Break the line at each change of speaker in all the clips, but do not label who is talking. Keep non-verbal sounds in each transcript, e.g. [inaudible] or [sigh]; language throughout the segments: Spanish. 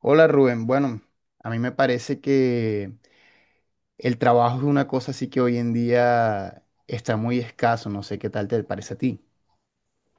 Hola Rubén, bueno, a mí me parece que el trabajo es una cosa así que hoy en día está muy escaso, no sé qué tal te parece a ti.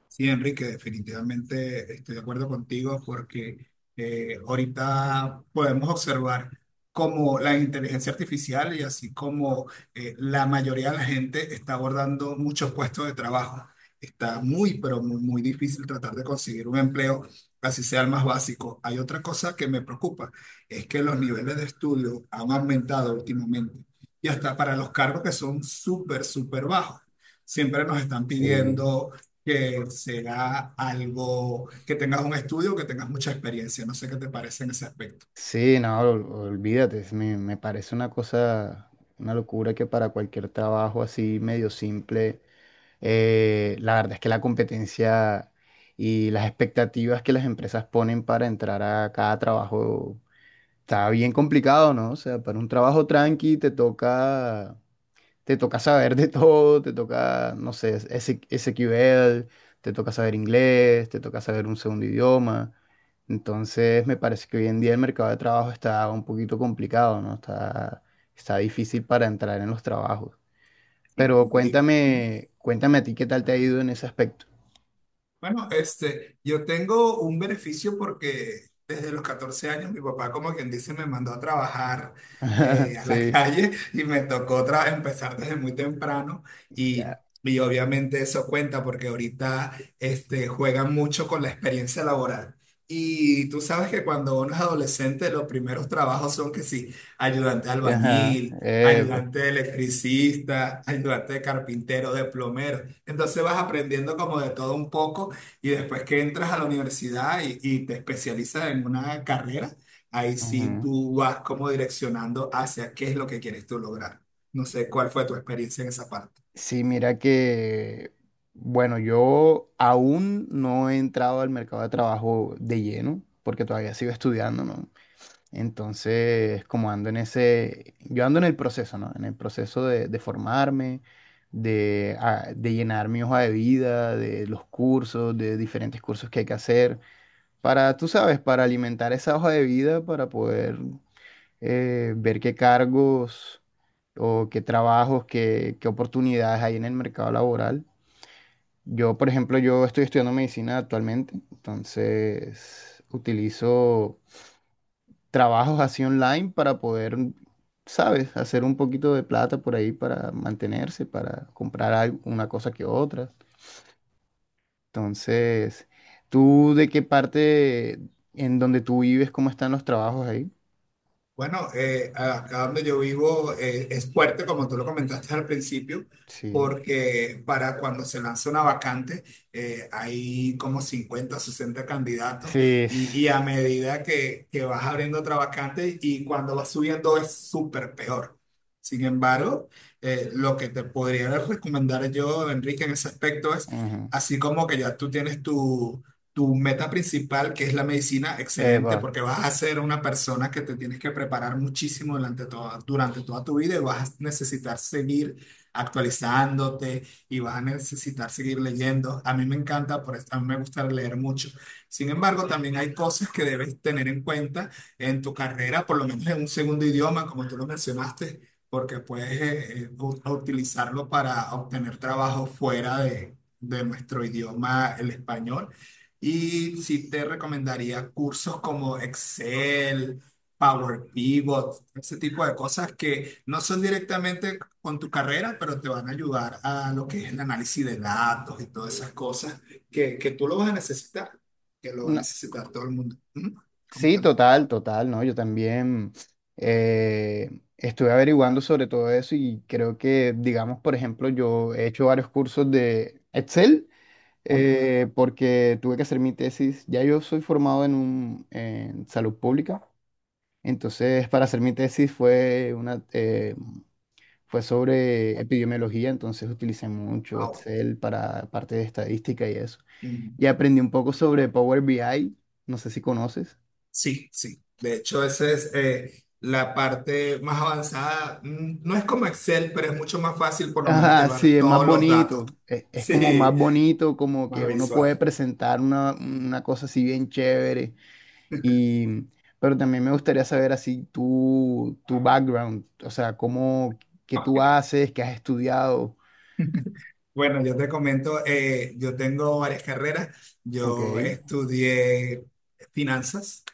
Sí, Enrique, definitivamente estoy de acuerdo contigo porque ahorita podemos observar cómo la inteligencia artificial y así como la mayoría de la gente está abordando muchos puestos de trabajo. Está muy, pero muy, muy difícil tratar de conseguir un empleo, así sea el más básico. Hay otra cosa que me preocupa, es que los niveles de estudio han aumentado últimamente y hasta para los cargos que son súper, súper bajos. Siempre nos están
Sí,
pidiendo que sea algo que tengas un estudio, que tengas mucha experiencia. No sé qué te parece en ese aspecto.
Sí, no, olvídate, me parece una cosa, una locura que para cualquier trabajo así medio simple, la verdad es que la competencia y las expectativas que las empresas ponen para entrar a cada trabajo está bien complicado, ¿no? O sea, para un trabajo tranqui te toca saber de todo, te toca, no sé, SQL, te toca saber inglés, te toca saber un segundo idioma. Entonces, me parece que hoy en día el mercado de trabajo está un poquito complicado, ¿no? Está, está difícil para entrar en los trabajos.
Sí,
Pero
muy bien.
cuéntame, cuéntame a ti qué tal te ha ido en ese aspecto.
Bueno, este, yo tengo un beneficio porque desde los 14 años mi papá, como quien dice, me mandó a trabajar
[laughs]
a la [laughs]
Sí,
calle y me tocó empezar desde muy temprano y,
ya.
y obviamente eso cuenta porque ahorita este, juegan mucho con la experiencia laboral. Y tú sabes que cuando uno es adolescente, los primeros trabajos son que sí, ayudante de
Ajá.
albañil,
Epa.
ayudante de electricista, ayudante de carpintero, de plomero. Entonces vas aprendiendo como de todo un poco y después que entras a la universidad y te especializas en una carrera, ahí sí
Ujú.
tú vas como direccionando hacia qué es lo que quieres tú lograr. No sé cuál fue tu experiencia en esa parte.
Sí, mira que, bueno, yo aún no he entrado al mercado de trabajo de lleno, porque todavía sigo estudiando, ¿no? Entonces, como ando en ese, yo ando en el proceso, ¿no? En el proceso de formarme, de, de llenar mi hoja de vida, de los cursos, de diferentes cursos que hay que hacer, para, tú sabes, para alimentar esa hoja de vida, para poder ver qué cargos o qué trabajos, qué, qué oportunidades hay en el mercado laboral. Yo, por ejemplo, yo estoy estudiando medicina actualmente, entonces utilizo trabajos así online para poder, ¿sabes?, hacer un poquito de plata por ahí para mantenerse, para comprar una cosa que otra. Entonces, ¿tú de qué parte en donde tú vives, cómo están los trabajos ahí?
Bueno, acá donde yo vivo es fuerte, como tú lo comentaste al principio,
Sí.
porque para cuando se lanza una vacante hay como 50, 60 candidatos
Sí, s-
y a medida que vas abriendo otra vacante y cuando vas subiendo es súper peor. Sin embargo, lo que te podría recomendar yo, Enrique, en ese aspecto es,
Ujú.
así como que ya tú tienes tu meta principal, que es la medicina, excelente,
Eva.
porque vas a ser una persona que te tienes que preparar muchísimo durante toda tu vida y vas a necesitar seguir actualizándote y vas a necesitar seguir leyendo. A mí me encanta, por eso a mí me gusta leer mucho. Sin embargo, también hay cosas que debes tener en cuenta en tu carrera, por lo menos en un segundo idioma, como tú lo mencionaste, porque puedes utilizarlo para obtener trabajo fuera de nuestro idioma, el español. Y sí te recomendaría cursos como Excel, Power Pivot, ese tipo de cosas que no son directamente con tu carrera, pero te van a ayudar a lo que es el análisis de datos y todas esas cosas que tú lo vas a necesitar, que lo va a necesitar todo el mundo. Ujú.
Sí,
Coméntame.
total, total, ¿no? Yo también eh, estuve averiguando sobre todo eso y creo que, digamos, por ejemplo, yo he hecho varios cursos de Excel porque tuve que hacer mi tesis. Ya yo soy formado en, un, en salud pública, entonces para hacer mi tesis fue, una, fue sobre epidemiología, entonces utilicé mucho
Wow.
Excel para parte de estadística y eso.
Mm.
Y aprendí un poco sobre Power BI, no sé si conoces.
Sí, sí. De hecho, esa es la parte más avanzada. Mm. No es como Excel, pero es mucho más fácil por lo menos
Ajá, sí,
llevar
es más
todos los datos.
bonito.
[laughs]
Es como más
Sí.
bonito, como que
Más
uno puede
visual.
presentar una cosa así bien chévere. Y, pero también me gustaría saber así tu, tu background, o sea, cómo, qué tú
Ok.
haces, qué has estudiado.
Bueno, yo te comento, yo tengo varias carreras.
Ok,
Yo estudié finanzas,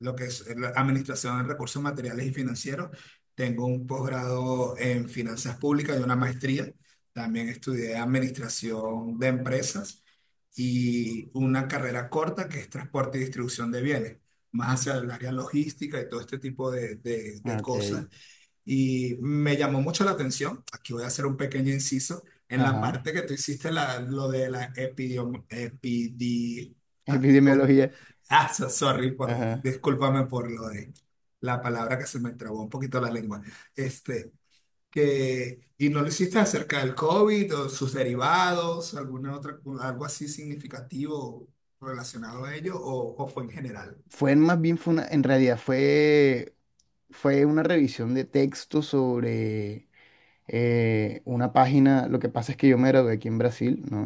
lo que es la administración de recursos materiales y financieros. Tengo un posgrado en finanzas públicas y una maestría. También estudié administración de empresas y una carrera corta que es transporte y distribución de bienes, más hacia el área logística y todo este tipo de, de
ok,
cosas. Y me llamó mucho la atención, aquí voy a hacer un pequeño inciso, en la
ajá.
parte que tú hiciste la, lo de la epidiom, epidi,
[laughs]
ah, ¿cómo?
Epidemiología.
Ah, so- sorry, por,
Ajá.
discúlpame por lo de la palabra que se me trabó un poquito la lengua. Este, que, y no lo hiciste acerca del COVID o sus derivados, alguna otra, algo así significativo relacionado a ello, o fue en general.
Fue en más bien, fue una, en realidad fue, fue una revisión de texto sobre una página, lo que pasa es que yo me gradué aquí en Brasil, ¿no?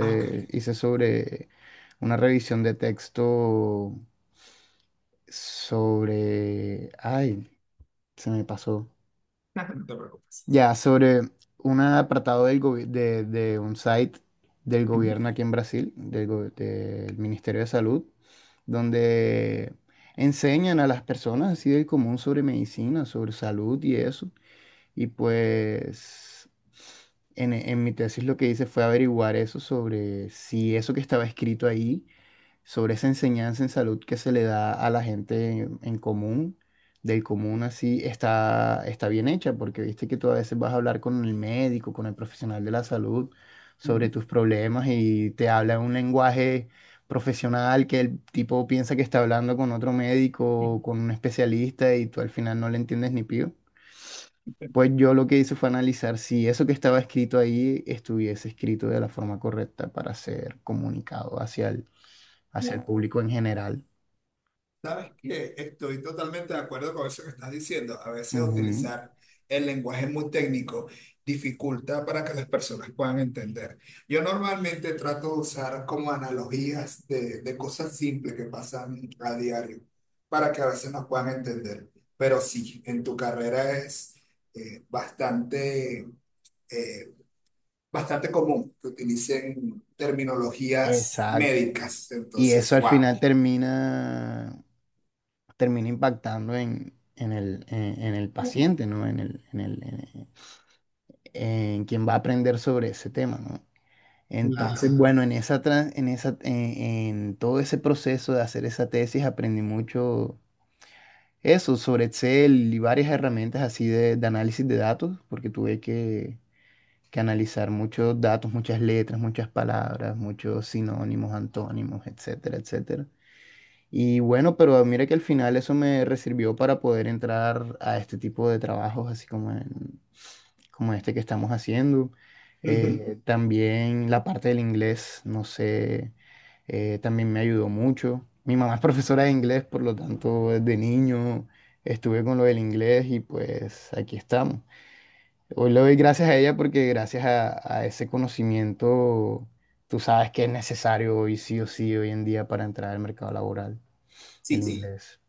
Ah, ok.
hice sobre una revisión de texto sobre, ay, se me pasó.
[laughs] No te preocupes.
Ya, sobre un apartado del de un site del gobierno aquí en Brasil, del, del Ministerio de Salud, donde enseñan a las personas así del común sobre medicina, sobre salud y eso. Y pues en, e, en mi tesis lo que hice fue averiguar eso sobre si eso que estaba escrito ahí, sobre esa enseñanza en salud que se le da a la gente en común, del común así, está, está bien hecha, porque viste que tú a veces vas a hablar con el médico, con el profesional de la salud,
Ujú,
sobre tus problemas y te habla en un lenguaje profesional que el tipo piensa que está hablando con otro médico o
ujú.
con un especialista y tú al final no le entiendes ni pío.
[laughs]
Pues yo lo que hice fue analizar si eso que estaba escrito ahí estuviese escrito de la forma correcta para ser comunicado hacia el público en general.
Sabes que estoy totalmente de acuerdo con eso que estás diciendo. A veces
Ujú,
utilizar el lenguaje muy técnico dificulta para que las personas puedan entender. Yo normalmente trato de usar como analogías de cosas simples que pasan a diario para que a veces nos puedan entender. Pero sí, en tu carrera es eh, bastante, eh, bastante común que utilicen terminologías
exacto.
médicas.
Y eso
Entonces,
al
wow.
final termina, termina impactando en el paciente, ¿no? En el, en el, en quien va a aprender sobre ese tema, ¿no?
Claro.
Entonces, bueno, en esa, en esa, en todo ese proceso de hacer esa tesis aprendí mucho eso, sobre Excel y varias herramientas así de análisis de datos, porque tuve que analizar muchos datos, muchas letras, muchas palabras, muchos sinónimos, antónimos, etcétera, etcétera. Y bueno, pero mira que al final eso me sirvió para poder entrar a este tipo de trabajos, así como en, como este que estamos haciendo.
Ujú.
También la parte del inglés, no sé, también me ayudó mucho. Mi mamá es profesora de inglés, por lo tanto, desde niño estuve con lo del inglés y pues aquí estamos. Hoy le doy gracias a ella porque gracias a ese conocimiento, tú sabes que es necesario hoy sí o sí, hoy en día para entrar al mercado laboral, el
Sí.
sí. Inglés.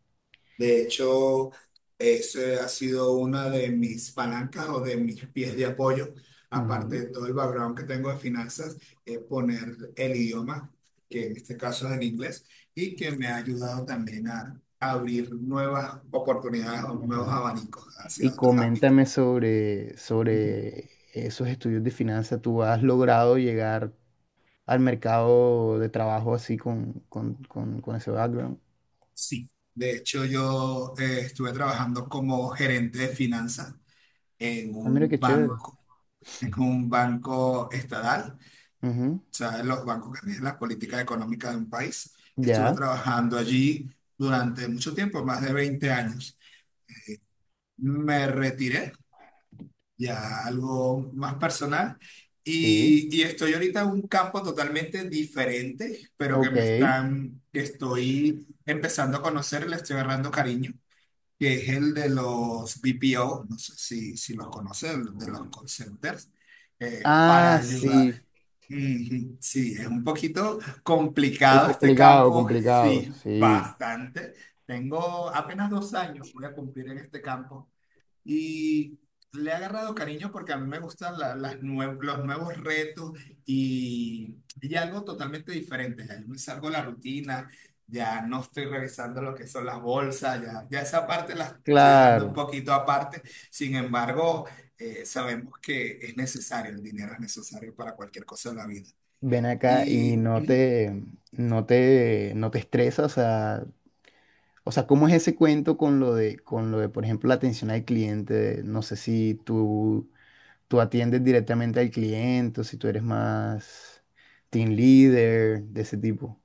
De hecho, ese ha sido una de mis palancas o de mis pies de apoyo, aparte
Ujú,
de todo el background que tengo de finanzas, es poner el idioma, que en este caso es el inglés, y que me ha ayudado también a abrir nuevas oportunidades o nuevos
ujú.
abanicos hacia
Y
otros ámbitos.
coméntame sobre,
Ujú.
sobre esos estudios de finanzas. ¿Tú has logrado llegar al mercado de trabajo así con ese background?
Sí, de hecho yo estuve trabajando como gerente de finanzas en
Ah, mira
un
qué chévere.
banco, en un banco estatal
Ujú.
sea, en los bancos que rigen las políticas económicas de un país. Estuve
Ya,
trabajando allí durante mucho tiempo, más de 20 años. Me retiré, ya algo más personal,
sí.
y estoy ahorita en un campo totalmente diferente, pero que
Ok.
me están, que estoy empezando a conocer, le estoy agarrando cariño que es el de los BPO, no sé si, si los conoces, de los
Mm.
call centers, para
Ah,
ayudar.
sí.
Ujú. Sí, es un poquito
Es
complicado este
complicado,
campo,
complicado.
sí,
Sí.
bastante. Tengo apenas 2 años, voy a cumplir en este campo y le he agarrado cariño porque a mí me gustan los nuevos retos y algo totalmente diferente. Ya yo me salgo de la rutina, ya no estoy revisando lo que son las bolsas, ya, ya esa parte la estoy dejando un
Claro.
poquito aparte. Sin embargo, sabemos que es necesario, el dinero es necesario para cualquier cosa en la vida.
Ven acá y
Y
no
ujú.
te, no te, no te estresas. O sea, ¿cómo es ese cuento con lo de, por ejemplo, la atención al cliente? No sé si tú, tú atiendes directamente al cliente o si tú eres más team leader de ese tipo.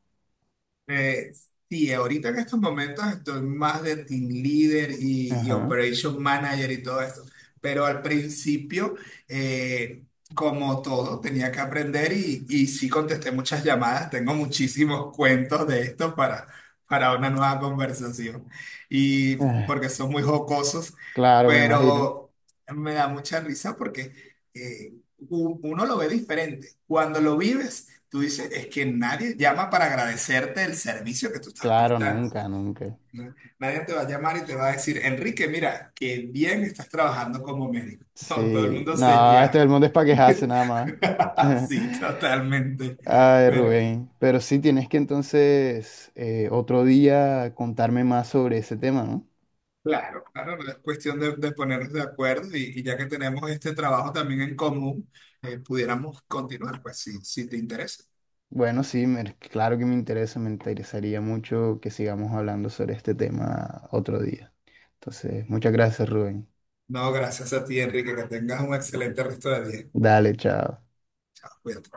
Eh, sí, ahorita en estos momentos estoy más de team leader y
Ajá.
operation manager y todo eso, pero al principio, eh, como todo, tenía que aprender y sí contesté muchas llamadas, tengo muchísimos cuentos de esto para una nueva conversación y
Ah,
porque son muy jocosos,
claro, me imagino.
pero me da mucha risa porque eh, uno lo ve diferente. Cuando lo vives tú dices, es que nadie llama para agradecerte el servicio que tú estás
Claro,
prestando,
nunca, nunca.
¿no? Nadie te va a llamar y te va a decir, Enrique, mira, qué bien estás trabajando como médico. [laughs] No, todo el
Sí.
mundo se
No, este
ya.
del mundo es para quejarse nada más.
[laughs]
[laughs]
Sí, totalmente.
Ay,
Pero,
Rubén. Pero sí tienes que entonces otro día contarme más sobre ese tema, ¿no?
claro, claro, no es cuestión de ponernos de acuerdo y ya que tenemos este trabajo también en común, pudiéramos continuar, pues, si, si te interesa.
Bueno, sí, claro que me interesa, me interesaría mucho que sigamos hablando sobre este tema otro día. Entonces, muchas gracias, Rubén.
No, gracias a ti, Enrique, que tengas un excelente resto de día.
Dale, chao.
Cuídate.